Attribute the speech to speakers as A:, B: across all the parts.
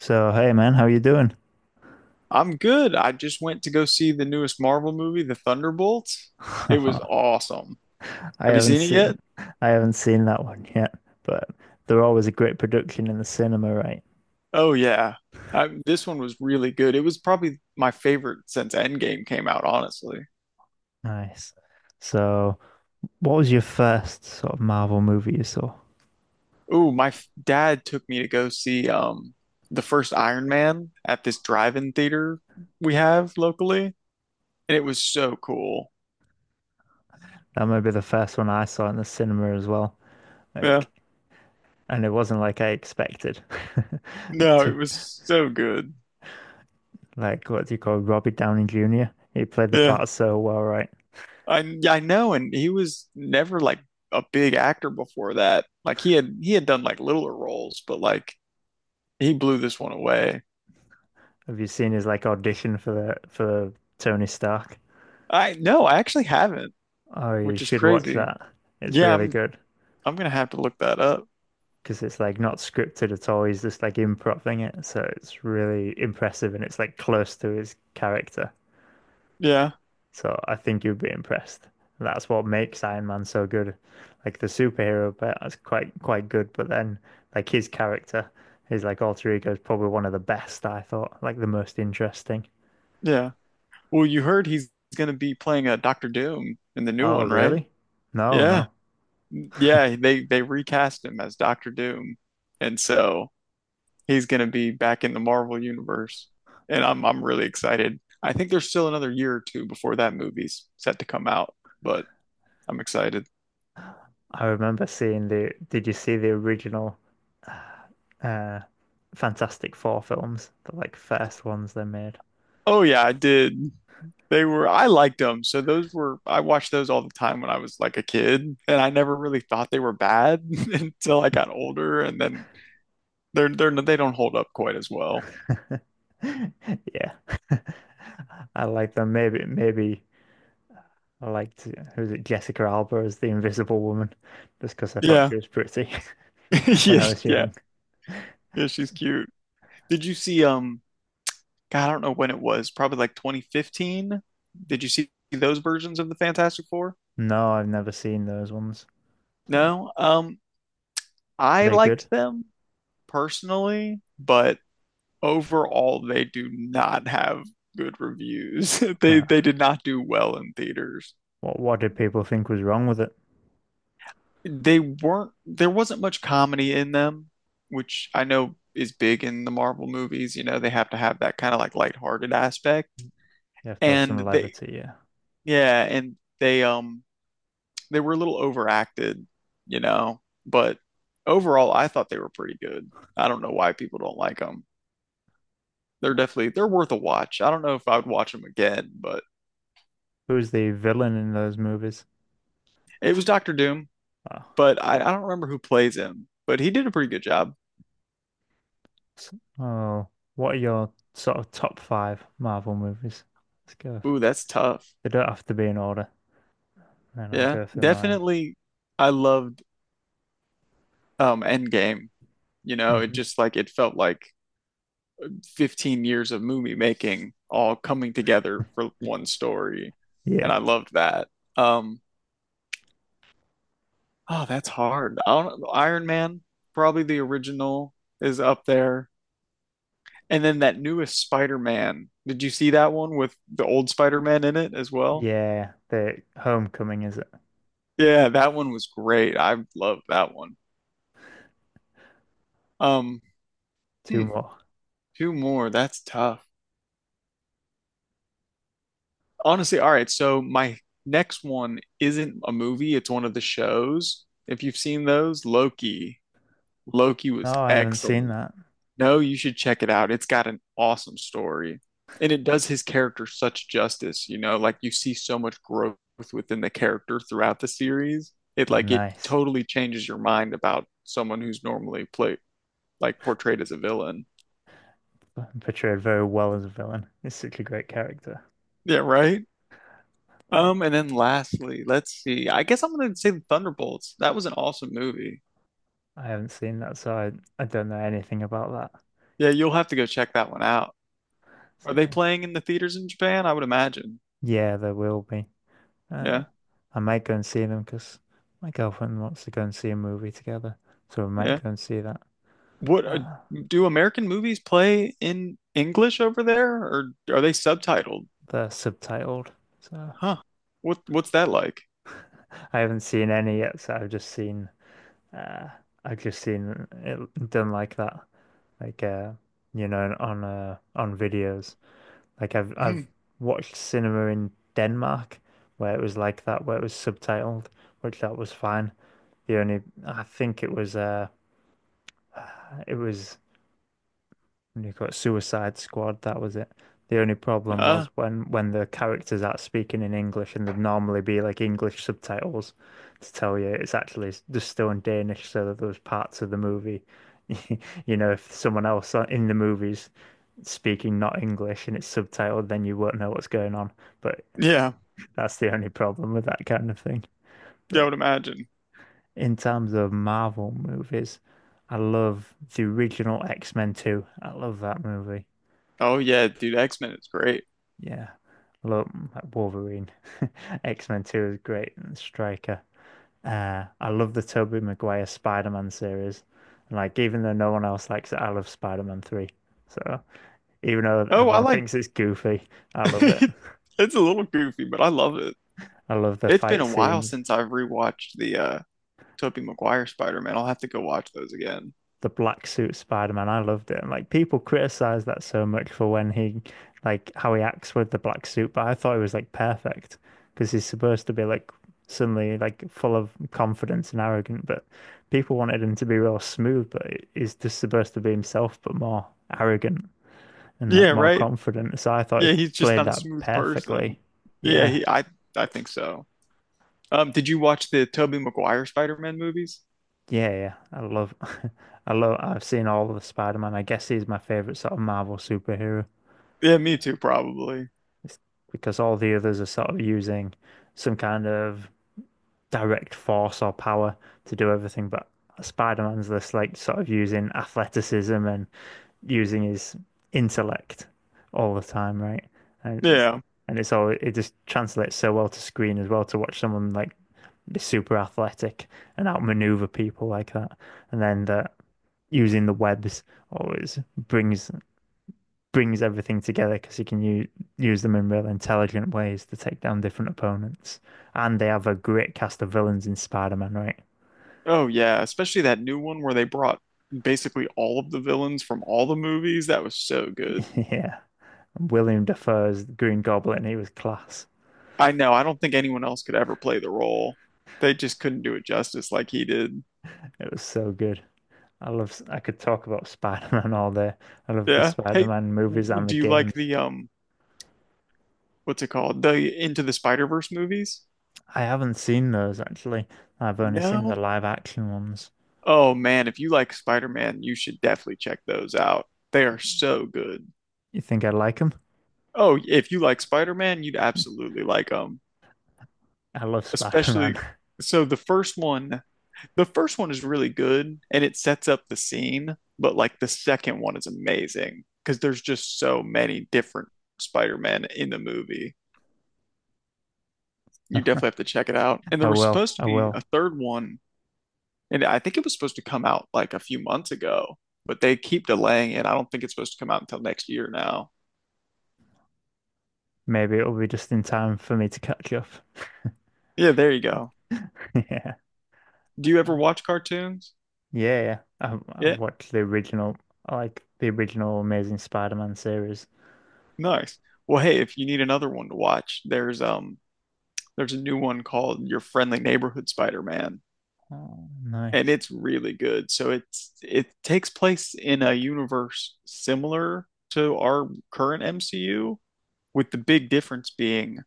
A: So, hey man, how you doing?
B: I'm good. I just went to go see the newest Marvel movie, The Thunderbolts. It was
A: I
B: awesome. Have you
A: haven't
B: seen it yet?
A: seen I haven't seen that one yet, but they're always a great production in the cinema, right?
B: Oh yeah. I, this one was really good. It was probably my favorite since Endgame came out, honestly.
A: Nice. So, what was your first sort of Marvel movie you saw?
B: Ooh, dad took me to go see the first Iron Man at this drive-in theater we have locally, and it was so cool.
A: That might be the first one I saw in the cinema as well.
B: Yeah.
A: Like, and it wasn't like I expected.
B: No, it
A: To-
B: was so good.
A: Like, what do you call Robbie Downey Jr.? He played the
B: Yeah.
A: part so well, right?
B: I know, and he was never like a big actor before that. Like he had done like littler roles, but like he blew this one away.
A: Have you seen his like audition for the for Tony Stark?
B: I no, I actually haven't,
A: Oh, you
B: which is
A: should watch
B: crazy.
A: that. It's
B: Yeah,
A: really
B: I'm
A: good.
B: I'm gonna have to look that up.
A: Because it's like not scripted at all. He's just like improvising it, so it's really impressive and it's like close to his character.
B: Yeah,
A: So I think you'd be impressed. That's what makes Iron Man so good. Like the superhero bit is quite good, but then like his character, his like alter ego is probably one of the best I thought, like the most interesting.
B: yeah. Well, you heard he's gonna be playing a Doctor Doom in the new
A: Oh,
B: one, right?
A: really? No,
B: Yeah,
A: no.
B: yeah. They recast him as Doctor Doom, and so he's going to be back in the Marvel universe, and I'm really excited. I think there's still another year or two before that movie's set to come out, but I'm excited.
A: I remember seeing the. Did you see the original uh, Fantastic Four films, the like first ones they made?
B: Oh yeah, I did. They were I liked them. So those were I watched those all the time when I was like a kid, and I never really thought they were bad until I got older, and then they're they don't hold up quite as well.
A: Yeah. I like them. Maybe I liked, who's it, Jessica Alba as the Invisible Woman, just because I thought
B: Yeah.
A: she was pretty when I
B: Yeah,
A: was
B: yeah,
A: young.
B: yeah, she's cute. Did you see God, I don't know when it was, probably like 2015. Did you see those versions of the Fantastic Four?
A: No, I've never seen those ones. So, are
B: No. I
A: they good?
B: liked them personally, but overall they do not have good reviews. They
A: Uh,
B: they did not do well in theaters.
A: what did people think was wrong with it?
B: They weren't there wasn't much comedy in them, which I know is big in the Marvel movies, you know, they have to have that kind of like lighthearted aspect.
A: You have to have
B: And
A: some
B: they
A: levity, yeah.
B: yeah, and they were a little overacted, you know, but overall, I thought they were pretty good. I don't know why people don't like them. They're worth a watch. I don't know if I would watch them again, but
A: Who's the villain in those movies?
B: it was Doctor Doom.
A: Oh,
B: But I don't remember who plays him, but he did a pretty good job.
A: s- oh, what are your sort of top five Marvel movies? Let's go.
B: Ooh,
A: Through.
B: that's tough.
A: They don't have to be in order, and I'll
B: Yeah,
A: go through mine.
B: definitely. I loved Endgame. You know, it
A: Mhm.
B: just like it felt like 15 years of movie making all coming together for one story, and
A: Yeah.
B: I loved that. Um, Oh, that's hard. I don't know. Iron Man, probably the original, is up there. And then that newest Spider-Man. Did you see that one with the old Spider-Man in it as well?
A: Yeah. The Homecoming, is it?
B: Yeah, that one was great. I loved that one. Um,
A: Two
B: hmm,
A: more.
B: two more. That's tough. Honestly, all right. So my next one isn't a movie, it's one of the shows. If you've seen those, Loki. Loki was
A: No, I haven't seen
B: excellent.
A: that.
B: No, you should check it out. It's got an awesome story. And it does his character such justice, you know, like you see so much growth within the character throughout the series. It
A: Oh,
B: like it
A: nice.
B: totally changes your mind about someone who's normally played like portrayed as a villain.
A: Portrayed very well as a villain. He's such a great character.
B: Yeah, right?
A: Like,
B: And then lastly, let's see. I guess I'm gonna say the Thunderbolts. That was an awesome movie.
A: I haven't seen that, so I don't know anything about that.
B: Yeah, you'll have to go check that one out. Are they
A: So,
B: playing in the theaters in Japan? I would imagine.
A: yeah, there will be. Uh,
B: Yeah.
A: I might go and see them because my girlfriend wants to go and see a movie together. So we might
B: Yeah.
A: go and see that.
B: What
A: Uh,
B: do American movies play in English over there, or are they subtitled?
A: they're subtitled. So
B: Huh. What's that like?
A: I haven't seen any yet, so I've just uh, I've just seen it done like that. Like you know on videos, like I've
B: Hmm.
A: I've watched cinema in Denmark where it was like that, where it was subtitled, which that was fine. The only, I think it was it was, and you got Suicide Squad, that was it. The only problem was
B: Uh,
A: when the characters are speaking in English and there'd normally be like English subtitles to tell you it's actually s- just still in Danish, so that those parts of the movie, you know, if someone else on- in the movies speaking not English and it's subtitled, then you won't know what's going on. But
B: yeah,
A: that's the only problem with that kind of thing.
B: yeah, I
A: But
B: would imagine.
A: in terms of Marvel movies, I love the original X-Men 2. I love that movie.
B: Oh yeah, dude, X-Men is great.
A: Yeah. I Love like Wolverine. X-Men 2 is great. And Striker. I love the Tobey Maguire Spider-Man series. And like even though no one else likes it, I love Spider-Man 3. So even though
B: Oh, I
A: everyone
B: like.
A: thinks it's goofy, I love it.
B: It's a little goofy, but I love it.
A: I love the
B: It's been
A: fight
B: a while
A: scenes.
B: since I've rewatched the Tobey Maguire Spider-Man. I'll have to go watch those again.
A: The black suit Spider-Man. I loved it. And like people criticize that so much for when he, like how he acts with the black suit, but I thought it was like perfect because he's supposed to be like suddenly like full of confidence and arrogant, but people wanted him to be real smooth, but he's just supposed to be himself, but more arrogant and like
B: Yeah,
A: more
B: right.
A: confident. So I thought he
B: Yeah, he's just
A: played
B: not a
A: that
B: smooth person.
A: perfectly.
B: Yeah,
A: Yeah.
B: he. I think so. Did you watch the Tobey Maguire Spider-Man movies?
A: Yeah, yeah. I love I've seen all of the Spider-Man. I guess he's my favorite sort of Marvel superhero.
B: Yeah, me too, probably.
A: It's because all the others are sort of using some kind of direct force or power to do everything, but Spider-Man's this like sort of using athleticism and using his intellect all the time, right? And it's,
B: Yeah.
A: and it's all, it just translates so well to screen as well, to watch someone like be super athletic and outmaneuver people like that, and then the using the webs always brings everything together because he can u use them in real intelligent ways to take down different opponents. And they have a great cast of villains in Spider-Man, right?
B: Oh, yeah. Especially that new one where they brought basically all of the villains from all the movies. That was so good.
A: Yeah. William Dafoe's Green Goblin, he was class.
B: I know. I don't think anyone else could ever play the role. They just couldn't do it justice like he did.
A: It was so good. I love, I could talk about Spider-Man all day. I love the
B: Yeah. Hey,
A: Spider-Man movies and the
B: do you like
A: games.
B: what's it called? The Into the Spider-Verse movies?
A: I haven't seen those actually. I've only seen the
B: No?
A: live action ones.
B: Oh, man. If you like Spider-Man, you should definitely check those out. They are so good.
A: You think I like them?
B: Oh, if you like Spider-Man, you'd absolutely like them.
A: I love
B: Especially
A: Spider-Man.
B: so the first one, is really good and it sets up the scene, but like the second one is amazing because there's just so many different Spider-Man in the movie. You definitely have to check it out. And there
A: I
B: was
A: will.
B: supposed to
A: I
B: be
A: will.
B: a third one, and I think it was supposed to come out like a few months ago, but they keep delaying it. I don't think it's supposed to come out until next year now.
A: Maybe it'll be just in time for me to catch up.
B: Yeah, there you go.
A: Yeah.
B: Do you
A: Uh,
B: ever watch cartoons?
A: yeah, yeah.
B: Yeah.
A: I've watched the original, I like the original Amazing Spider-Man series.
B: Nice. Well, hey, if you need another one to watch, there's there's a new one called Your Friendly Neighborhood Spider-Man,
A: Oh,
B: and
A: nice.
B: it's really good. So it takes place in a universe similar to our current MCU, with the big difference being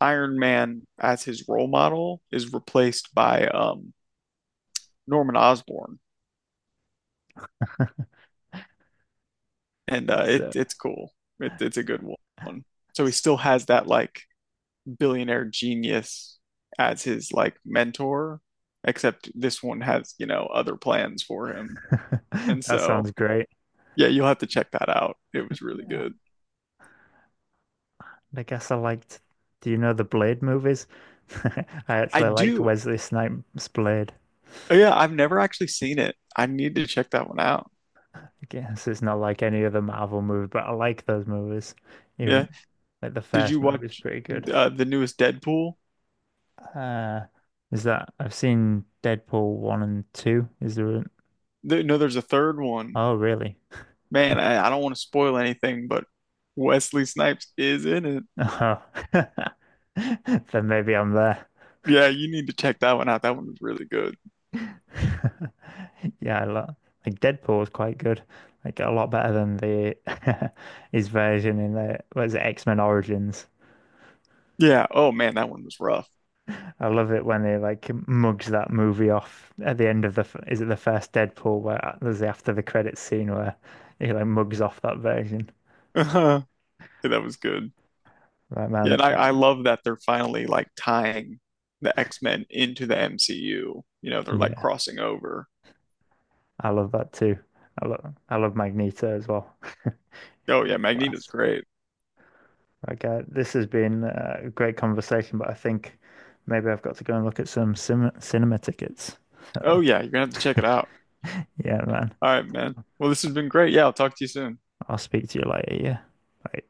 B: Iron Man as his role model is replaced by Norman Osborn, and
A: So
B: it's cool. It's a good one. So he
A: it's-
B: still has that like billionaire genius as his like mentor, except this one has you know other plans for him. And
A: that
B: so,
A: sounds great.
B: yeah, you'll have to check that out. It was really
A: Yeah.
B: good.
A: I guess I liked. Do you know the Blade movies? I
B: I
A: actually liked
B: do.
A: Wesley Snipes' Blade.
B: Oh, yeah, I've never actually seen it. I need to check that one out.
A: I guess it's not like any other Marvel movie, but I like those movies.
B: Yeah.
A: Even like the
B: Did
A: first
B: you watch
A: movie is pretty good.
B: the newest Deadpool?
A: Uh, is that, I've seen Deadpool one and two. Is there? An,
B: No, there's a third one.
A: oh, really?
B: Man, I don't want to spoil anything, but Wesley Snipes is in it.
A: Oh. Then maybe I'm there.
B: Yeah, you need to check that one out. That one was really good.
A: Yeah, I lo- like Deadpool is quite good. Like a lot better than the his version in the what is it, X-Men Origins.
B: Yeah. Oh man, that one was rough.
A: I love it when they like mugs that movie off at the end of the f- is it the first Deadpool where there's the after the credits scene where he like mugs off that version.
B: Yeah, that was good.
A: Right,
B: Yeah, and
A: man.
B: I love that they're finally like tying the X-Men into the MCU. You know, they're like
A: Yeah,
B: crossing over.
A: I love that too. I love Magneto as well.
B: Oh yeah, Magneto's
A: Class.
B: great.
A: Okay, this has been a great conversation, but I think maybe I've got to go and look at some cinema tickets.
B: Oh
A: So,
B: yeah, you're gonna have to check it out.
A: yeah, man,
B: All right, man. Well, this has been great. Yeah, I'll talk to you soon.
A: I'll speak to you later. Yeah. Bye.